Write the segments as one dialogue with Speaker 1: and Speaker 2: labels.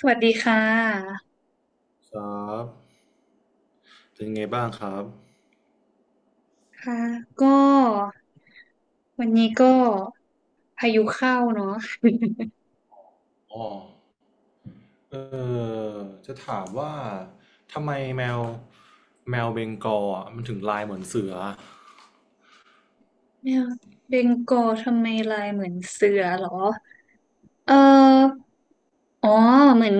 Speaker 1: สวัสดีค่ะ
Speaker 2: ครับเป็นไงบ้างครับ
Speaker 1: ค่ะก็วันนี้ก็พายุเข้าเนาะ
Speaker 2: อ๋อเออจะถามว่า ทำไมแมว แมวเบงกอลอ่ะมันถึงลายเหมือนเสือ
Speaker 1: เนี่ยเบงกอลทำไมลายเหมือนเสือเหรอเอออ๋อเหมือน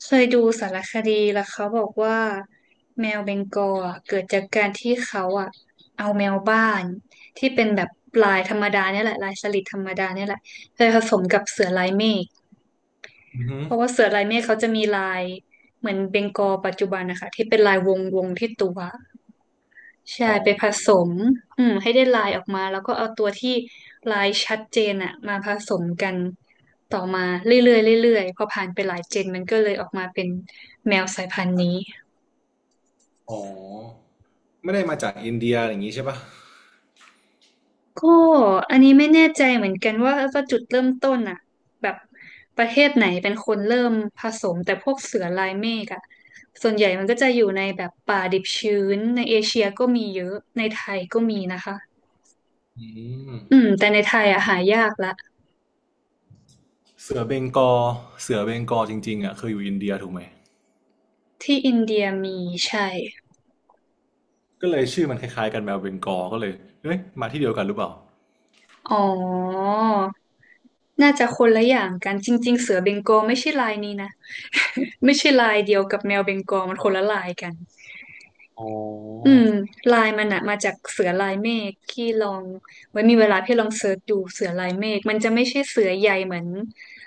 Speaker 1: เคยดูสารคดีแล้วเขาบอกว่าแมวเบงกอลอะเกิดจากการที่เขาอะเอาแมวบ้านที่เป็นแบบลายธรรมดาเนี่ยแหละลายสลิดธรรมดาเนี่ยแหละไปผสมกับเสือลายเมฆ
Speaker 2: อือหือ
Speaker 1: เพราะว่าเสือลายเมฆเขาจะมีลายเหมือนเบงกอลปัจจุบันนะคะที่เป็นลายวงวงที่ตัวใช่
Speaker 2: อ๋อ
Speaker 1: ไปผสมอืมให้ได้ลายออกมาแล้วก็เอาตัวที่ลายชัดเจนอะมาผสมกันต่อมาเรื่อยๆเรื่อยๆพอผ่านไปหลายเจนมันก็เลยออกมาเป็นแมวสายพันธุ์นี้
Speaker 2: อ๋อไม่ได้มาจากอินเดียอย่างนี้ใช่ปะ
Speaker 1: ก็อันนี้ไม่แน่ใจเหมือนกันว่าว่าจุดเริ่มต้นอะแบบประเทศไหนเป็นคนเริ่มผสมแต่พวกเสือลายเมฆอะส่วนใหญ่มันก็จะอยู่ในแบบป่าดิบชื้นในเอเชียก็มีเยอะในไทยก็มีนะคะ
Speaker 2: อืม
Speaker 1: อืมแต่ในไทยอะหายากละ
Speaker 2: เสือเบงกอลเสือเบงกอลจริงๆอ่ะเคยอยู่อินเดียถูกไหม
Speaker 1: ที่อินเดียมีใช่
Speaker 2: ก็เลยชื่อมันคล้ายๆกันแมวเบงกอลก็เลยเอ้ยมาที่เดียวกันหรือเปล่า
Speaker 1: อ๋อ น่าจะคนละอย่างกันจริงๆเสือเบงกอลไม่ใช่ลายนี้นะ ไม่ใช่ลายเดียวกับแมวเบงกอลมันคนละลายกัน
Speaker 2: อ๋อ
Speaker 1: อืมลายมันอะมาจากเสือลายเมฆพี่ลองไว้มีเวลาพี่ลองเสิร์ชดูเสือลายเมฆมันจะไม่ใช่เสือใหญ่เหมือน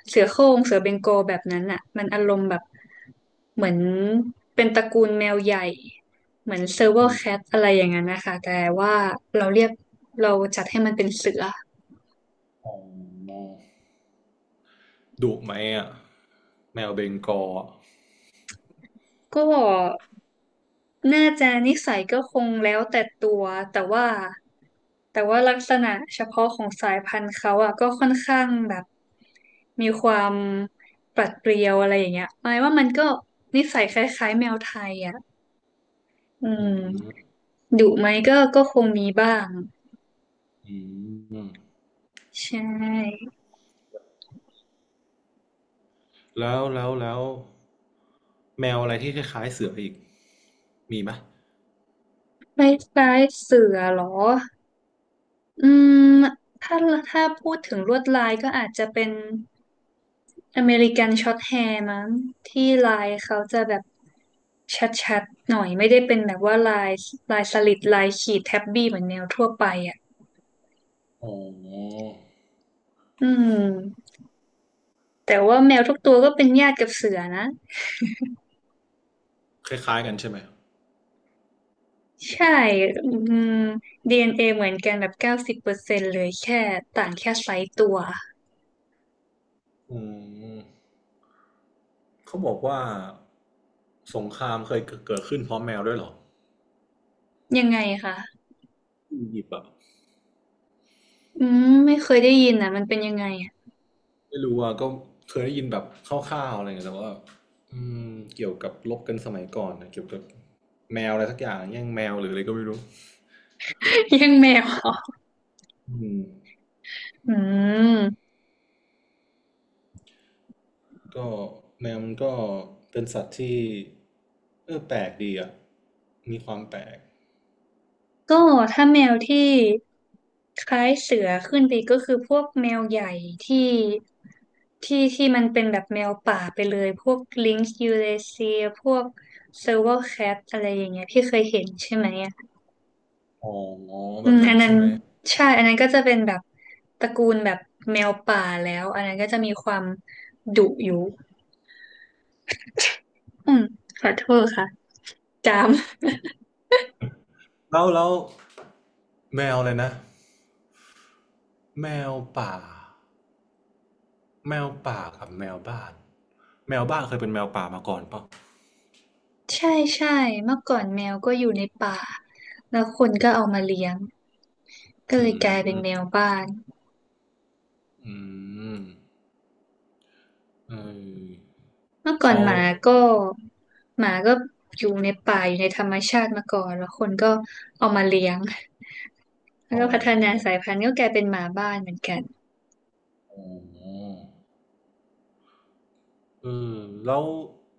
Speaker 1: เสือโคร่งเสือเบงกอลแบบนั้นอะมันอารมณ์แบบเหมือนเป็นตระกูลแมวใหญ่เหมือนเซอร์เวอ
Speaker 2: อื
Speaker 1: ร์
Speaker 2: ม
Speaker 1: แคทอะไรอย่างนั้นนะคะแต่ว่าเราเรียกเราจัดให้มันเป็นเสือ
Speaker 2: อ๋อดุไหมอ่ะแมวเบงกอลอะ
Speaker 1: ก็ น่าจะนิสัยก็คงแล้วแต่ตัวแต่ว่าแต่ว่าลักษณะเฉพาะของสายพันธุ์เขาอ่ะก็ค่อนข้างแบบมีความปรัดเปรียวอะไรอย่างเงี้ยหมายว่ามันก็นิสัยคล้ายๆแมวไทยอ่ะอื
Speaker 2: อืม
Speaker 1: มดุไหมก็คงมีบ้าง
Speaker 2: อืม
Speaker 1: ใช่
Speaker 2: แล้วแมวอะไรที่คล้ายๆเสืออีกมีไหม
Speaker 1: คล้ายๆเสือเหรออืมถ้าถ้าพูดถึงลวดลายก็อาจจะเป็น อเมริกันช็อตแฮร์มั้งที่ลายเขาจะแบบชัดๆหน่อยไม่ได้เป็นแบบว่าลายลายสลิดลายขีดแท็บบี้เหมือนแมวทั่วไปอ่ะ
Speaker 2: อ๋อ
Speaker 1: อืมแต่ว่าแมวทุกตัวก็เป็นญาติกับเสือนะ
Speaker 2: คล้ายๆกันใช่ไหม
Speaker 1: ใช่อืม DNA เอ็นเอเหมือนกันแบบ90%เลยแค่ต่างแค่ไซส์ตัว
Speaker 2: อืมเขาบอกว่าสงครามเคยเกิดขึ้นเพราะแมวด้วยเหรอ
Speaker 1: ยังไงคะ
Speaker 2: ที่อียิปต์อะ
Speaker 1: อืมไม่เคยได้ยินอ่ะมันเป็นยังไงอะ
Speaker 2: ไม่รู้อ่ะก็เคยได้ยินแบบคร่าวๆอะไรเงี้ยแต่ว่าอืมเกี่ยวกับรบกันสมัยก่อนนะเกี่ยวกับแมวอะไรสักอย่างแย่งแมวหรืออะไรก็ไม่รู้
Speaker 1: ยังแมวเหรอ
Speaker 2: อืม
Speaker 1: อืม
Speaker 2: ก็แมวมันก็เป็นสัตว์ที่แปลกดีอ่ะมีความแปลก
Speaker 1: ก็ถ้าแมวที่ คล้ายเสือขึ้นไปก็คือพวกแมวใหญ่ที่ที่มันเป็นแบบแมวป่าไปเลยพวกลิงซ์ยูเรเซียพวกเซอร์ว c แคทอะไรอย่างเงี้ยพี่เคยเห็นใช่ไหมอะ
Speaker 2: อ๋อ
Speaker 1: อื
Speaker 2: แบบ
Speaker 1: ม
Speaker 2: นั้
Speaker 1: อั
Speaker 2: น
Speaker 1: นนั้น
Speaker 2: ใช่ไหม
Speaker 1: ใช่อันนั้นก็จะเป็นแบบตระกูลแบบแมวป่าแล้วอันนั้นก็จะมีความดุอยู่อืมขอโทษค่ะจาม
Speaker 2: แล้วแมวเลยนะแมวป่าแมวป่ากับแมวบ้านแมวบ้านเคยเป็นแมวป่ามาก่อนปะ
Speaker 1: ใช่ใช่เมื่อก่อนแมวก็อยู่ในป่าแล้วคนก็เอามาเลี้ยงก็เล
Speaker 2: อื
Speaker 1: ยกลายเป็น
Speaker 2: ม
Speaker 1: แมวบ้าน
Speaker 2: อืมเออ
Speaker 1: เมื่อก่อน
Speaker 2: เขา
Speaker 1: หมาก็หมาก็อยู่ในป่าอยู่ในธรรมชาติมาก่อนแล้วคนก็เอามาเลี้ยงแล้ว
Speaker 2: อ๋อ
Speaker 1: ก็พัฒนาสายพันธุ์ก็กลายเป็นหมาบ้านเหมือนกัน
Speaker 2: อ๋อเออแล้ว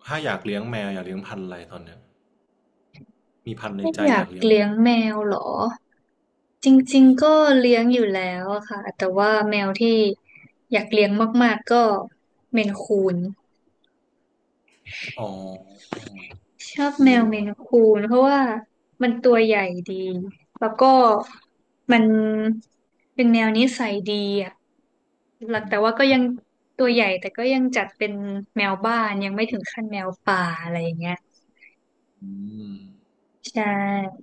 Speaker 2: ถ้าอยากเลี้ยงแมวอยากเลี้ยงพันธุ์อะไรตอนเนี้ยมีพันธุ์ใน
Speaker 1: ไม่
Speaker 2: ใจ
Speaker 1: อยา
Speaker 2: อยา
Speaker 1: ก
Speaker 2: กเลี้ยง
Speaker 1: เลี้ยงแมวเหรอจริงๆก็เลี้ยงอยู่แล้วอะค่ะแต่ว่าแมวที่อยากเลี้ยงมากๆก็เมนคูน
Speaker 2: อ๋อ
Speaker 1: ชอบ
Speaker 2: กู
Speaker 1: แมว
Speaker 2: เหร
Speaker 1: เม
Speaker 2: อ
Speaker 1: นคูนเพราะว่ามันตัวใหญ่ดีแล้วก็มันเป็นแมวนิสัยดี หลัก
Speaker 2: อื
Speaker 1: แต่ว่า
Speaker 2: ม
Speaker 1: ก็ยังตัวใหญ่แต่ก็ยังจัดเป็นแมวบ้านยังไม่ถึงขั้นแมวป่าอะไรอย่างเงี้ย
Speaker 2: อืม
Speaker 1: ใช่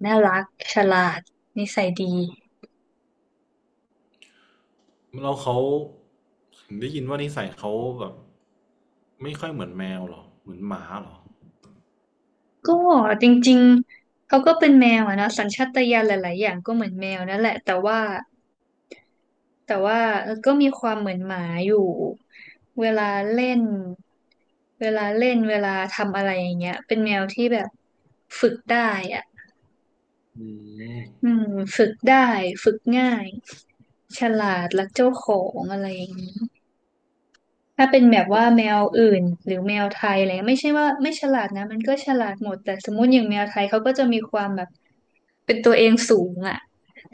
Speaker 1: น่ารักฉลาดนิสัยดี
Speaker 2: แล้วเขาเห็นได้ยินว่านิสัยเขาแบบไม่ค่อยเหมือนแมวเหรอเหมือนหมาเหรอ
Speaker 1: ก็จริงๆเขาก็เป็นแมวอะเนาะสัญชาตญาณหลายๆอย่างก็เหมือนแมวนั่นแหละแต่ว่าเออก็มีความเหมือนหมาอยู่เวลาเล่นเวลาทำอะไรอย่างเงี้ยเป็นแมวที่แบบฝึกได้อะ
Speaker 2: อืม
Speaker 1: อืมฝึกได้ฝึกง่ายฉลาดรักเจ้าของอะไรอย่างนี้ถ้าเป็นแบบว่าแมวอื่นหรือแมวไทยอะไรเงี้ยไม่ใช่ว่าไม่ฉลาดนะมันก็ฉลาดหมดแต่สมมติอย่างแมวไทยเขาก็จะมีความแบบเป็นตัวเองสูงอ่ะ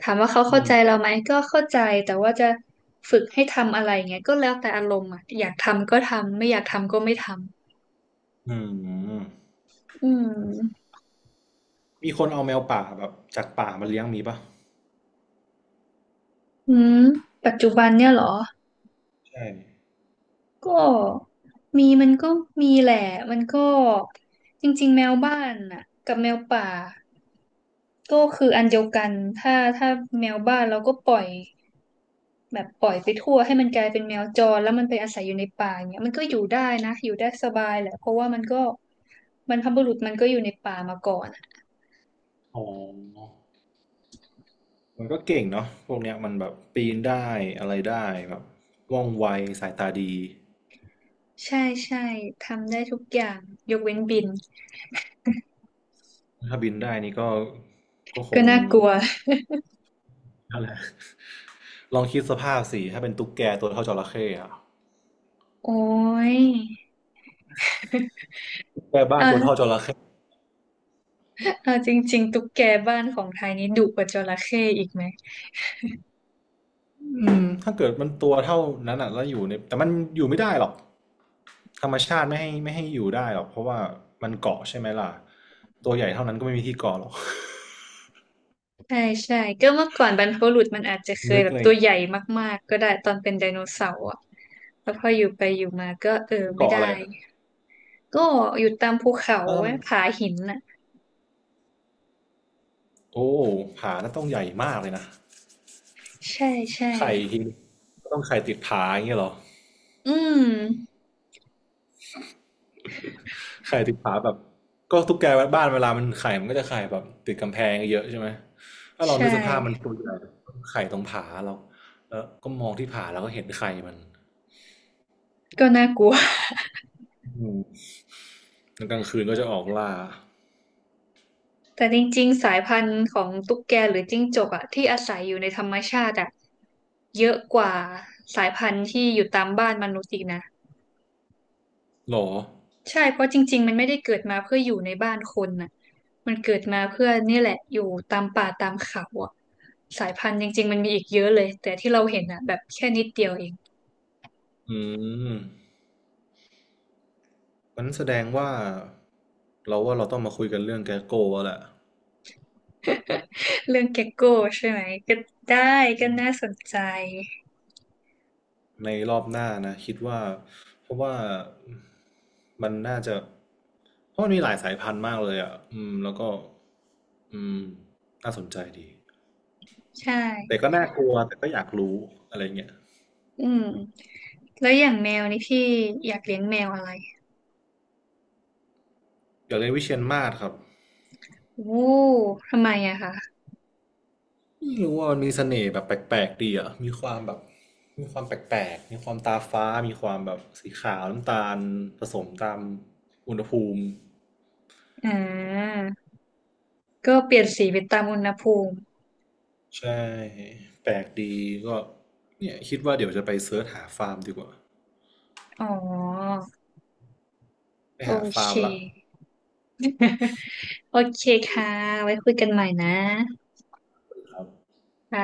Speaker 1: ถามว่าเขา
Speaker 2: อื
Speaker 1: เข้า
Speaker 2: ม
Speaker 1: ใจเราไหมก็เข้าใจแต่ว่าจะฝึกให้ทำอะไรเงี้ยก็แล้วแต่อารมณ์อ่ะอยากทำก็ทำไม่อยากทำก็ไม่ท
Speaker 2: อืม
Speaker 1: ำอืม
Speaker 2: มีคนเอาแมวป่าแบบจากป่ามาเลี้ยงมีปะ
Speaker 1: อืมปัจจุบันเนี่ยเหรอ
Speaker 2: ใช่
Speaker 1: ก็มีมันก็มีแหละมันก็จริงๆแมวบ้านน่ะกับแมวป่าก็คืออันเดียวกันถ้าแมวบ้านเราก็ปล่อยแบบปล่อยไปทั่วให้มันกลายเป็นแมวจรแล้วมันไปอาศัยอยู่ในป่าอย่างเงี้ยมันก็อยู่ได้นะอยู่ได้สบายแหละเพราะว่ามันก็บรรพบุรุษมันก็อยู่ในป่ามาก่อนอะ
Speaker 2: อ๋อมันก็เก่งเนาะพวกเนี้ยมันแบบปีนได้อะไรได้แบบว่องไวสายตาดี
Speaker 1: ใช่ใช่ทำได้ทุกอย่างยกเว้นบิน
Speaker 2: ถ้าบินได้นี่ก็ก็ค
Speaker 1: ก็
Speaker 2: ง
Speaker 1: น่ากลัว
Speaker 2: นั่นแหละ ลองคิดสภาพสิถ้าเป็นตุ๊กแกตัวเท่าจระเข้อะ
Speaker 1: โอ้ย
Speaker 2: แค่บ้า
Speaker 1: เอ
Speaker 2: น
Speaker 1: อ
Speaker 2: ตัวเท่าจระเข้
Speaker 1: เออจริงๆตุ๊กแกบ้านของไทยนี้ดุกว่าจระเข้อีกไหม
Speaker 2: อืมถ้าเกิดมันตัวเท่านั้นอ่ะแล้วอยู่ในแต่มันอยู่ไม่ได้หรอกธรรมชาติไม่ให้อยู่ได้หรอกเพราะว่ามันเกาะใช่ไหมล่ะตัวใหญ่เท่านั้นก็ไม่มีที่เกาะหรอก
Speaker 1: ใช่ใช่ก็เมื่อก่อนบรรพบุรุษมันอาจจะเค ย
Speaker 2: นึก
Speaker 1: แบบ
Speaker 2: ใน
Speaker 1: ตัวใหญ่มากๆก็ได้ตอนเป็นไดโนเสาร์อะแล้วพออยู่ไปอยู่มาก็เออไม่
Speaker 2: เกาะ
Speaker 1: ได้
Speaker 2: อะไรอะ
Speaker 1: ก็อยู่ตามภูเขา
Speaker 2: แล้วถ้า
Speaker 1: ไว้
Speaker 2: มัน
Speaker 1: ผาหินน่ะ
Speaker 2: โอ้ผาน่าต้องใหญ่มากเลยนะ
Speaker 1: ใช่ใช่
Speaker 2: ไข่ทีก็ต้องไข่ติดผาอย่างเงี้ยเหรอ
Speaker 1: อืม
Speaker 2: ไข่ติดผาแบบก็ตุ๊กแกบ้านเวลามันไข่มันก็จะไข่แบบติดกำแพงเยอะใช่ไหมถ้าลอง
Speaker 1: ใช่
Speaker 2: นึกสภาพมันตัวใหญ่ไข่ตรงผาเราแล้วก็มองที่ผาแล้วก็เห็นไข่มัน
Speaker 1: ก็น่ากลัว
Speaker 2: อืมกลางคืนก็จะออกล่า
Speaker 1: แต่จริงๆสายพันธุ์ของตุ๊กแกหรือจิ้งจกอะที่อาศัยอยู่ในธรรมชาติอะเยอะกว่าสายพันธุ์ที่อยู่ตามบ้านมนุษย์อีกนะ
Speaker 2: หรอ
Speaker 1: ใช่ เพราะจริงๆมันไม่ได้เกิดมาเพื่ออยู่ในบ้านคนน่ะมันเกิดมาเพื่อนี่แหละอยู่ตามป่าตามเขาอ่ะสายพันธุ์จริงๆมันมีอีกเยอะเลย แต่ที่เราเห็นอ่ะแบบแค่นิดเดียวเอง
Speaker 2: อืมมันแสดงว่าเราว่าเราต้องมาคุยกันเรื่องแกโก้แล้วแหละ
Speaker 1: เรื่องเก็กโก้ใช่ไหมก็ได้ก็น่าสนใจ
Speaker 2: ในรอบหน้านะคิดว่าเพราะว่ามันน่าจะเพราะมันมีหลายสายพันธุ์มากเลยอ่ะอืมแล้วก็อืมน่าสนใจดี
Speaker 1: ใช่
Speaker 2: แต่ก็น่ากลัวแต่ก็อยากรู้อะไรเงี้ย
Speaker 1: อืมแล้วอย่างแมวนี่พี่อยากเลี้ยงแมวอะไร
Speaker 2: อยากเรียนวิเชียรมาศครับ
Speaker 1: โอ้ทำไมอะคะ
Speaker 2: ไม่รู้ว่ามันมีเสน่ห์แบบแปลกๆดีอ่ะมีความแบบ มีความแปลกๆ มีความตาฟ้า มีความแบบสีขาวน้ำตาลผสมตามอุณหภูมิ
Speaker 1: อ่าก็เปลี่ยนสีไปตามอุณหภูมิ
Speaker 2: ใช่แปลกดีก็เนี่ยคิดว่าเดี๋ยวจะไปเสิร์ชหาฟาร์มดีกว่า
Speaker 1: อ๋อ
Speaker 2: ไป
Speaker 1: โอ
Speaker 2: หา
Speaker 1: เค
Speaker 2: ฟาร์มละ
Speaker 1: โอเคค่ะไว้คุยกันใหม่นะ
Speaker 2: ครับ
Speaker 1: ค่ะ